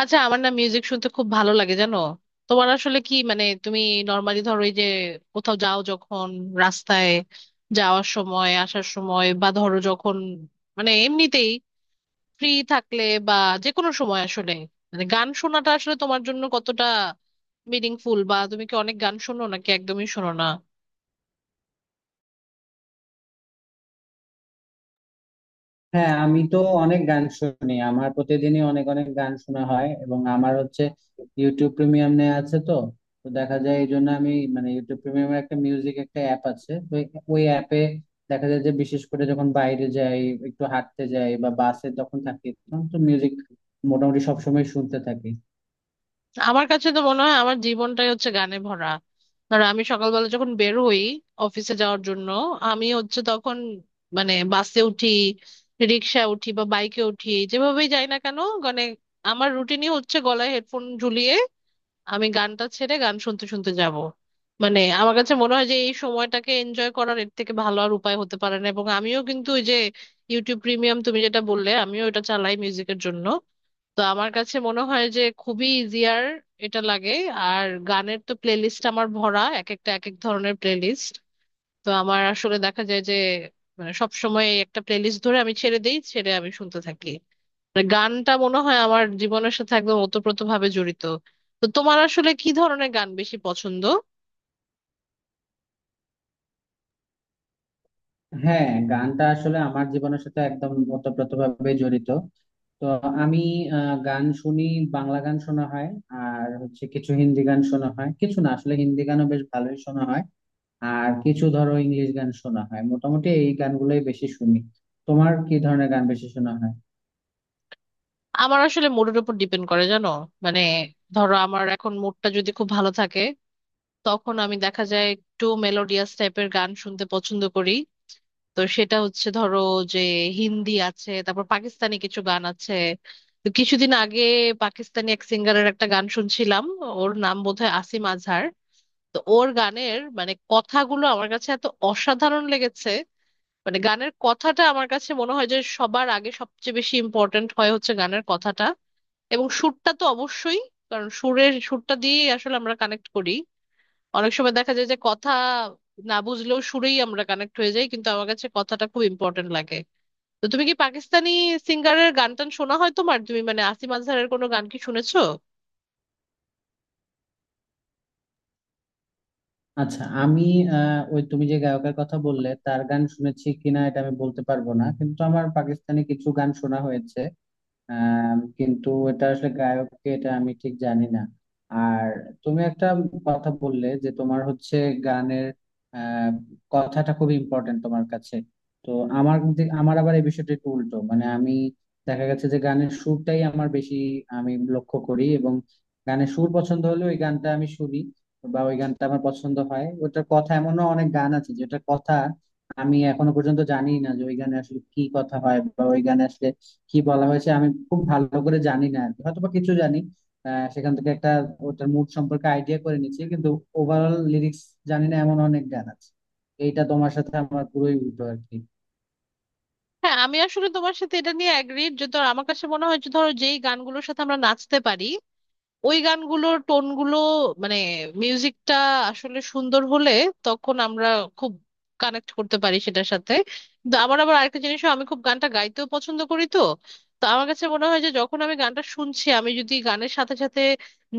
আচ্ছা, আমার না মিউজিক শুনতে খুব ভালো লাগে, জানো? তোমার আসলে কি, মানে তুমি নর্মালি ধরো, এই যে কোথাও যাও যখন, রাস্তায় যাওয়ার সময়, আসার সময়, বা ধরো যখন মানে এমনিতেই ফ্রি থাকলে বা যে কোনো সময় আসলে, মানে গান শোনাটা আসলে তোমার জন্য কতটা মিনিংফুল? বা তুমি কি অনেক গান শোনো নাকি একদমই শোনো না? হ্যাঁ, আমি তো অনেক গান শুনি। আমার প্রতিদিনই অনেক অনেক গান শোনা হয়, এবং আমার হচ্ছে ইউটিউব প্রিমিয়াম নেওয়া আছে তো তো দেখা যায় এই জন্য আমি মানে ইউটিউব প্রিমিয়ামের একটা মিউজিক একটা অ্যাপ আছে তো। ওই অ্যাপে দেখা যায় যে বিশেষ করে যখন বাইরে যাই, একটু হাঁটতে যাই বা বাসে তখন থাকি, তখন তো মিউজিক মোটামুটি সবসময় শুনতে থাকি। আমার কাছে তো মনে হয় আমার জীবনটাই হচ্ছে গানে ভরা। ধরো আমি সকালবেলা যখন বের হই অফিসে যাওয়ার জন্য, আমি হচ্ছে তখন মানে বাসে উঠি, রিক্সা উঠি বা বাইকে উঠি, যেভাবেই যাই না কেন, মানে আমার রুটিনই হচ্ছে গলায় হেডফোন ঝুলিয়ে আমি গানটা ছেড়ে গান শুনতে শুনতে যাব। মানে আমার কাছে মনে হয় যে এই সময়টাকে এনজয় করার এর থেকে ভালো আর উপায় হতে পারে না। এবং আমিও কিন্তু ওই যে ইউটিউব প্রিমিয়াম তুমি যেটা বললে, আমিও এটা চালাই মিউজিকের জন্য। তো আমার কাছে মনে হয় যে খুবই ইজিয়ার এটা লাগে। আর গানের তো প্লেলিস্ট আমার ভরা, এক একটা এক এক ধরনের প্লেলিস্ট। তো আমার আসলে দেখা যায় যে মানে সব সময় একটা প্লেলিস্ট ধরে আমি ছেড়ে দেই, ছেড়ে আমি শুনতে থাকি। মানে গানটা মনে হয় আমার জীবনের সাথে একদম ওতপ্রোত ভাবে জড়িত। তো তোমার আসলে কি ধরনের গান বেশি পছন্দ? হ্যাঁ, গানটা আসলে আমার জীবনের সাথে একদম ওতপ্রোতভাবে জড়িত। তো আমি গান শুনি। বাংলা গান শোনা হয়, আর হচ্ছে কিছু হিন্দি গান শোনা হয়, কিছু না আসলে হিন্দি গানও বেশ ভালোই শোনা হয়। আর কিছু ধরো ইংলিশ গান শোনা হয়। মোটামুটি এই গানগুলোই বেশি শুনি। তোমার কি ধরনের গান বেশি শোনা হয়? আমার আসলে মুডের উপর ডিপেন্ড করে, জানো। মানে ধরো আমার এখন মুডটা যদি খুব ভালো থাকে, তখন আমি দেখা যায় একটু মেলোডিয়াস টাইপের গান শুনতে পছন্দ করি। তো সেটা হচ্ছে ধরো যে হিন্দি আছে, তারপর পাকিস্তানি কিছু গান আছে। তো কিছুদিন আগে পাকিস্তানি এক সিঙ্গারের একটা গান শুনছিলাম। ওর নাম বোধহয় আসিম আজহার। তো ওর গানের মানে কথাগুলো আমার কাছে এত অসাধারণ লেগেছে। মানে গানের কথাটা আমার কাছে মনে হয় যে সবার আগে সবচেয়ে বেশি ইম্পর্ট্যান্ট হয় হচ্ছে গানের কথাটা, এবং সুরটা তো অবশ্যই। কারণ সুরের সুরটা দিয়ে আসলে আমরা কানেক্ট করি। অনেক সময় দেখা যায় যে কথা না বুঝলেও সুরেই আমরা কানেক্ট হয়ে যাই, কিন্তু আমার কাছে কথাটা খুব ইম্পর্ট্যান্ট লাগে। তো তুমি কি পাকিস্তানি সিঙ্গারের গান টান শোনা হয় তোমার? তুমি মানে আসিফ আজহারের কোনো গান কি শুনেছো? আচ্ছা, আমি ওই তুমি যে গায়কের কথা বললে তার গান শুনেছি কিনা এটা আমি বলতে পারবো না, কিন্তু আমার পাকিস্তানি কিছু গান শোনা হয়েছে। কিন্তু এটা আসলে গায়ককে এটা আমি ঠিক জানি না। আর তুমি একটা কথা বললে যে তোমার হচ্ছে গানের আহ, কথাটা খুব ইম্পর্টেন্ট তোমার কাছে। তো আমার আমার আবার এই বিষয়টা একটু উল্টো, মানে আমি দেখা গেছে যে গানের সুরটাই আমার বেশি আমি লক্ষ্য করি, এবং গানের সুর পছন্দ হলে ওই গানটা আমি শুনি, বা ওই গানটা আমার পছন্দ হয়। ওটার কথা এমনও অনেক গান আছে যেটার কথা আমি এখনো পর্যন্ত জানি না যে ওই গানে আসলে কি কথা হয় বা ওই গানে আসলে কি বলা হয়েছে, আমি খুব ভালো করে জানি না আর কি। হয়তো বা কিছু জানি, সেখান থেকে একটা ওটার মুড সম্পর্কে আইডিয়া করে নিচ্ছি। কিন্তু ওভারঅল লিরিক্স জানি না, এমন অনেক গান আছে। এইটা তোমার সাথে আমার পুরোই উল্টো আর কি। হ্যাঁ, আমি আসলে তোমার সাথে এটা নিয়ে অ্যাগ্রিড যে ধর আমার কাছে মনে হয় যে ধরো যেই গানগুলোর সাথে আমরা নাচতে পারি, ওই গানগুলোর টোনগুলো মানে মিউজিকটা আসলে সুন্দর হলে তখন আমরা খুব কানেক্ট করতে পারি সেটার সাথে। কিন্তু আমার আবার আরেকটা জিনিসও, আমি খুব গানটা গাইতেও পছন্দ করি। তো তো আমার কাছে মনে হয় যে যখন আমি গানটা শুনছি, আমি যদি গানের সাথে সাথে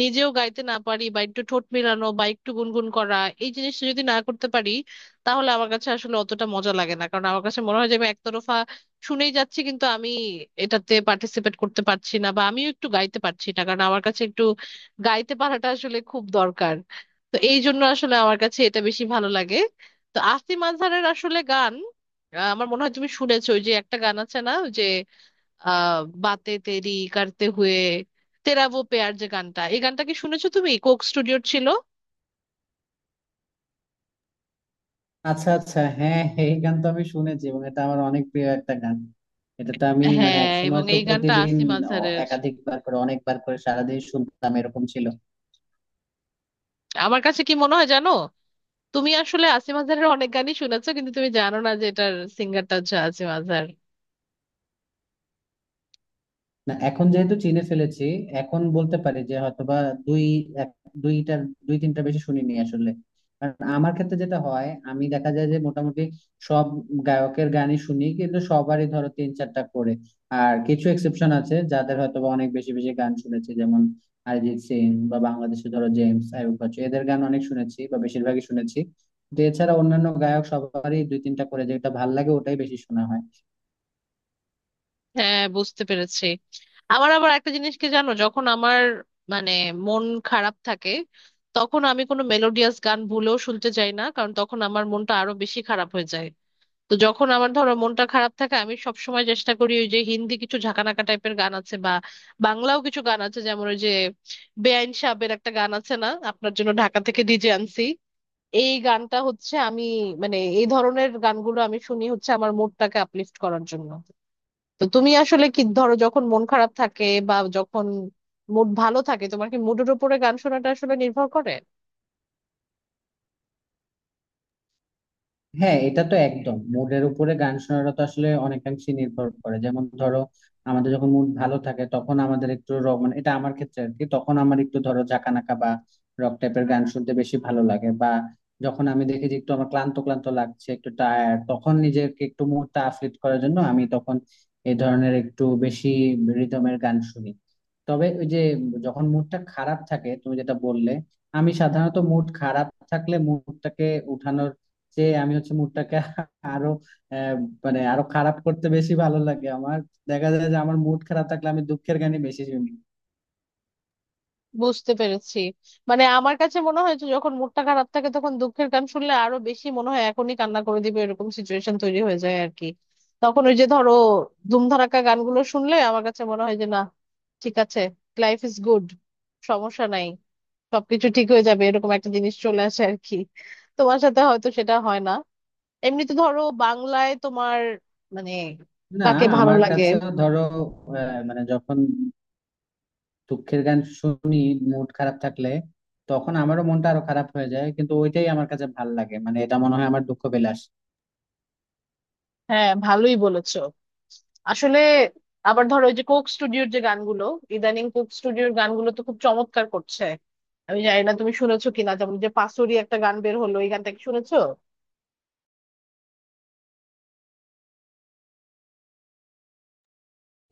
নিজেও গাইতে না পারি বা একটু ঠোঁট মেলানো বা একটু গুনগুন করা, এই জিনিসটা যদি না করতে পারি, তাহলে আমার কাছে আসলে অতটা মজা লাগে না। কারণ আমার কাছে মনে হয় যে আমি একতরফা শুনেই যাচ্ছি কিন্তু আমি এটাতে পার্টিসিপেট করতে পারছি না বা আমিও একটু গাইতে পারছি না। কারণ আমার কাছে একটু গাইতে পারাটা আসলে খুব দরকার। তো এই জন্য আসলে আমার কাছে এটা বেশি ভালো লাগে। তো আসিফ আজহারের আসলে গান, আমার মনে হয় তুমি শুনেছো ওই যে একটা গান আছে না, ওই যে আহ বাতে তেরি করতে হুয়ে তেরা ও পেয়ার, যে গানটা, এই গানটা কি শুনেছো? তুমি কোক স্টুডিওর ছিল। আচ্ছা আচ্ছা, হ্যাঁ, এই গান তো আমি শুনেছি, এবং এটা আমার অনেক প্রিয় একটা গান। এটা তো আমি মানে হ্যাঁ, একসময় এবং তো এই গানটা প্রতিদিন আসিফ আজহারের। একাধিকবার করে, অনেকবার করে সারাদিন শুনতাম এরকম ছিল। আমার কাছে কি মনে হয় জানো, তুমি আসলে আসিফ আজহারের অনেক গানই শুনেছো, কিন্তু তুমি জানো না যে এটার সিঙ্গারটা হচ্ছে আসিফ আজহার। না, এখন যেহেতু চিনে ফেলেছি, এখন বলতে পারি যে হয়তোবা দুই এক- দুইটার, দুই তিনটা বেশি শুনিনি আসলে। কারণ আমার ক্ষেত্রে যেটা হয়, আমি দেখা যায় যে মোটামুটি সব গায়কের গানই শুনি, কিন্তু সবারই ধরো তিন চারটা করে। আর কিছু এক্সেপশন আছে যাদের হয়তোবা অনেক বেশি বেশি গান শুনেছি, যেমন অরিজিৎ সিং, বা বাংলাদেশে ধরো জেমস, আইয়ুব বাচ্চু এদের গান অনেক শুনেছি বা বেশিরভাগই শুনেছি। তো এছাড়া অন্যান্য গায়ক সবারই দুই তিনটা করে যেটা ভাল লাগে ওটাই বেশি শোনা হয়। হ্যাঁ, বুঝতে পেরেছি। আমার আবার একটা জিনিস কি জানো, যখন আমার মানে মন খারাপ থাকে, তখন আমি কোনো মেলোডিয়াস গান ভুলেও শুনতে চাই না, কারণ তখন আমার মনটা আরো বেশি খারাপ হয়ে যায়। তো যখন আমার ধরো মনটা খারাপ থাকে, আমি সবসময় চেষ্টা করি ওই যে হিন্দি কিছু ঝাঁকানাকা টাইপের গান আছে, বা বাংলাও কিছু গান আছে, যেমন ওই যে বেআইন সাহেবের একটা গান আছে না, আপনার জন্য ঢাকা থেকে ডিজে আনছি, এই গানটা হচ্ছে আমি মানে এই ধরনের গানগুলো আমি শুনি হচ্ছে আমার মুডটাকে আপলিফট করার জন্য। তো তুমি আসলে কি ধরো যখন মন খারাপ থাকে বা যখন মুড ভালো থাকে, তোমার কি মুডের উপরে গান শোনাটা আসলে নির্ভর করে? হ্যাঁ, এটা তো একদম মুডের উপরে গান শোনাটা তো আসলে অনেকাংশে নির্ভর করে। যেমন ধরো, আমাদের যখন মুড ভালো থাকে তখন আমাদের একটু রক, মানে এটা আমার ক্ষেত্রে আর কি, তখন আমার একটু ধরো ঝাঁকানাকা বা রক টাইপের গান শুনতে বেশি ভালো লাগে। বা যখন আমি দেখি যে একটু আমার ক্লান্ত ক্লান্ত লাগছে, একটু টায়ার্ড, তখন নিজেকে একটু মুডটা আফলিট করার জন্য আমি তখন এই ধরনের একটু বেশি রিদমের গান শুনি। তবে ওই যে, যখন মুডটা খারাপ থাকে তুমি যেটা বললে, আমি সাধারণত মুড খারাপ থাকলে মুডটাকে উঠানোর, যে আমি হচ্ছে মুডটাকে আরো আহ, মানে আরো খারাপ করতে বেশি ভালো লাগে আমার। দেখা যায় যে আমার মুড খারাপ থাকলে আমি দুঃখের গানই বেশি শুনি। বুঝতে পেরেছি। মানে আমার কাছে মনে হয় যে যখন মুডটা খারাপ থাকে, তখন দুঃখের গান শুনলে আরো বেশি মনে হয় এখনই কান্না করে দিবে, এরকম সিচুয়েশন তৈরি হয়ে যায় আর কি। তখন ওই যে ধরো ধুমধাড়াক্কা গানগুলো শুনলে আমার কাছে মনে হয় যে না, ঠিক আছে, লাইফ ইজ গুড, সমস্যা নাই, সবকিছু ঠিক হয়ে যাবে, এরকম একটা জিনিস চলে আসে আর কি। তোমার সাথে হয়তো সেটা হয় না। এমনিতে ধরো বাংলায় তোমার মানে না, কাকে ভালো আমার লাগে? কাছে ধরো মানে যখন দুঃখের গান শুনি মুড খারাপ থাকলে, তখন আমারও মনটা আরো খারাপ হয়ে যায়, কিন্তু ওইটাই আমার কাছে ভাল লাগে। মানে এটা মনে হয় আমার দুঃখ বিলাস। হ্যাঁ, ভালোই বলেছো আসলে। আবার ধরো ওই যে কোক স্টুডিওর যে গানগুলো, ইদানিং কোক স্টুডিওর গানগুলো তো খুব চমৎকার করছে। আমি জানি না তুমি শুনেছো কিনা, যেমন যে পাসুরি একটা গান বের হলো, এই গানটা কি শুনেছো?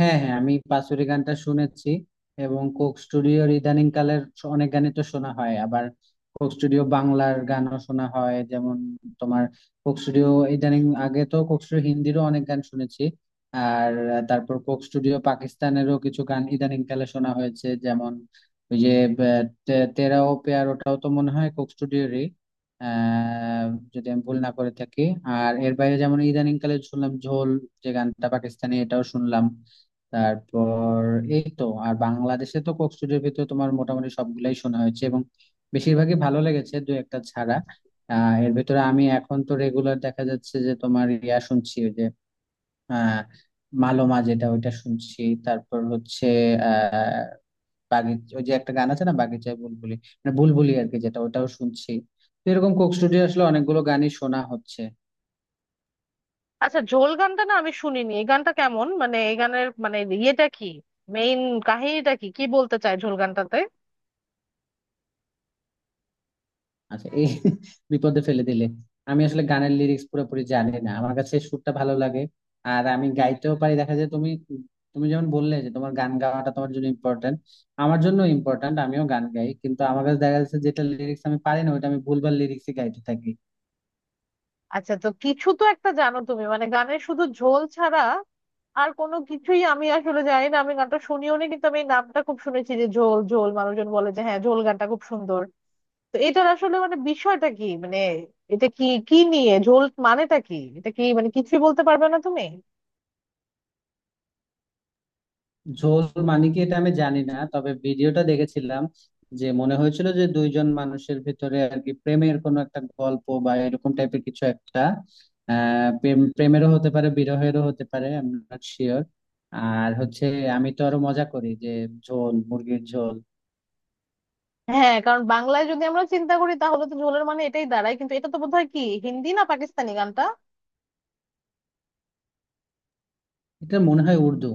হ্যাঁ হ্যাঁ, আমি বাঁশুরি গানটা শুনেছি, এবং কোক স্টুডিওর ইদানিং কালের অনেক গানই তো শোনা হয়। আবার কোক স্টুডিও বাংলার গানও শোনা হয়, যেমন তোমার কোক স্টুডিও ইদানিং, আগে তো কোক স্টুডিও হিন্দিরও অনেক গান শুনেছি। আর তারপর কোক স্টুডিও পাকিস্তানেরও কিছু গান ইদানিং কালে শোনা হয়েছে, যেমন ওই যে আহ, তেরা ও প্যার, ওটাও তো মনে হয় কোক স্টুডিওরই, আহ যদি আমি ভুল না করে থাকি। আর এর বাইরে যেমন ইদানিং কালে শুনলাম ঝোল, যে গানটা পাকিস্তানি, এটাও শুনলাম। তারপর এই তো, আর বাংলাদেশে তো কোক স্টুডিওর ভিতরে তোমার মোটামুটি সবগুলাই শোনা হয়েছে, এবং বেশিরভাগই ভালো লেগেছে দু একটা ছাড়া। এর ভিতরে আমি এখন তো রেগুলার দেখা যাচ্ছে যে তোমার ইয়া শুনছি, ওই যে আহ মালোমা, যেটা ওইটা শুনছি। তারপর হচ্ছে আহ বাগিচ, ওই যে একটা গান আছে না বাগিচায় বুলবুলি, মানে বুলবুলি আর কি, যেটা ওটাও শুনছি। তো এরকম কোক স্টুডিও আসলে অনেকগুলো গানই শোনা হচ্ছে। আচ্ছা, ঝোল গানটা না আমি শুনিনি, এই গানটা কেমন, মানে এই গানের মানে ইয়েটা কি, মেইন কাহিনীটা কি, কি বলতে চায় ঝোল গানটাতে? আচ্ছা এই, বিপদে ফেলে দিলে, আমি আসলে গানের লিরিক্স পুরোপুরি জানি না, আমার কাছে সুরটা ভালো লাগে, আর আমি গাইতেও পারি দেখা যায়। তুমি তুমি যেমন বললে যে তোমার গান গাওয়াটা তোমার জন্য ইম্পর্ট্যান্ট, আমার জন্য ইম্পর্ট্যান্ট, আমিও গান গাই, কিন্তু আমার কাছে দেখা যাচ্ছে যেটা লিরিক্স আমি পারি না ওইটা আমি ভুলভাল লিরিক্সই গাইতে থাকি। আচ্ছা, তো কিছু তো একটা জানো তুমি মানে গানের, শুধু ঝোল ছাড়া আর কোনো কিছুই আমি আসলে জানি না। আমি গানটা শুনিও নি, কিন্তু আমি এই নামটা খুব শুনেছি যে ঝোল ঝোল, মানুষজন বলে যে হ্যাঁ, ঝোল গানটা খুব সুন্দর। তো এটার আসলে মানে বিষয়টা কি, মানে এটা কি কি নিয়ে, ঝোল মানেটা কি, এটা কি মানে কিছুই বলতে পারবে না তুমি? ঝোল মানে কি এটা আমি জানি না, তবে ভিডিওটা দেখেছিলাম, যে মনে হয়েছিল যে দুইজন মানুষের ভিতরে আর কি প্রেমের কোনো একটা গল্প বা এরকম টাইপের কিছু একটা। প্রেম, প্রেমেরও হতে পারে বিরহেরও হতে পারে, আই এম নট শিওর। আর হচ্ছে, আমি তো আরো মজা করি যে ঝোল, মুরগির ঝোল। হ্যাঁ, কারণ বাংলায় যদি আমরা চিন্তা করি, তাহলে তো ঝোলের মানে এটাই দাঁড়ায়, কিন্তু এটা তো বোধহয় কি হিন্দি না পাকিস্তানি গানটা? এটা মনে হয় উর্দু।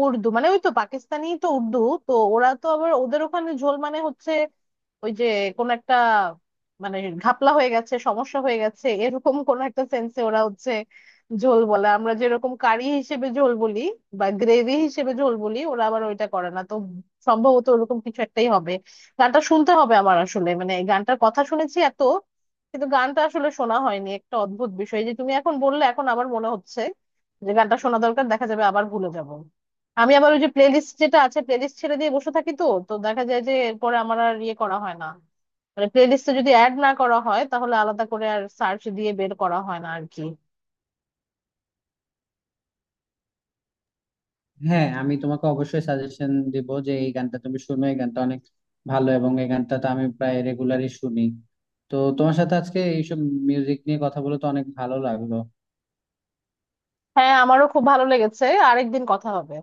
উর্দু মানে ওই তো পাকিস্তানি তো উর্দু। তো ওরা তো আবার ওদের ওখানে ঝোল মানে হচ্ছে ওই যে কোন একটা মানে ঘাপলা হয়ে গেছে, সমস্যা হয়ে গেছে, এরকম কোন একটা সেন্সে ওরা হচ্ছে ঝোল বলে। আমরা যেরকম কারি হিসেবে ঝোল বলি বা গ্রেভি হিসেবে ঝোল বলি, ওরা আবার ওইটা করে না তো। সম্ভবত ওরকম কিছু একটাই হবে। গানটা শুনতে হবে আমার আসলে, মানে গানটার কথা শুনেছি এত, কিন্তু গানটা আসলে শোনা হয়নি। একটা অদ্ভুত বিষয় এই যে তুমি এখন বললে, এখন আবার মনে হচ্ছে যে গানটা শোনা দরকার, দেখা যাবে আবার ভুলে যাব। আমি আবার ওই যে প্লেলিস্ট যেটা আছে, প্লেলিস্ট ছেড়ে দিয়ে বসে থাকি, তো তো দেখা যায় যে এরপরে আমার আর ইয়ে করা হয় না। মানে প্লেলিস্টে যদি অ্যাড না করা হয়, তাহলে আলাদা করে আর সার্চ দিয়ে বের করা হয় না আর কি। হ্যাঁ, আমি তোমাকে অবশ্যই সাজেশন দিব যে এই গানটা তুমি শুনো, এই গানটা অনেক ভালো, এবং এই গানটা তো আমি প্রায় রেগুলারই শুনি। তো তোমার সাথে আজকে এইসব মিউজিক নিয়ে কথা বলে তো অনেক ভালো লাগলো। হ্যাঁ, আমারও খুব ভালো লেগেছে। আরেকদিন কথা হবে।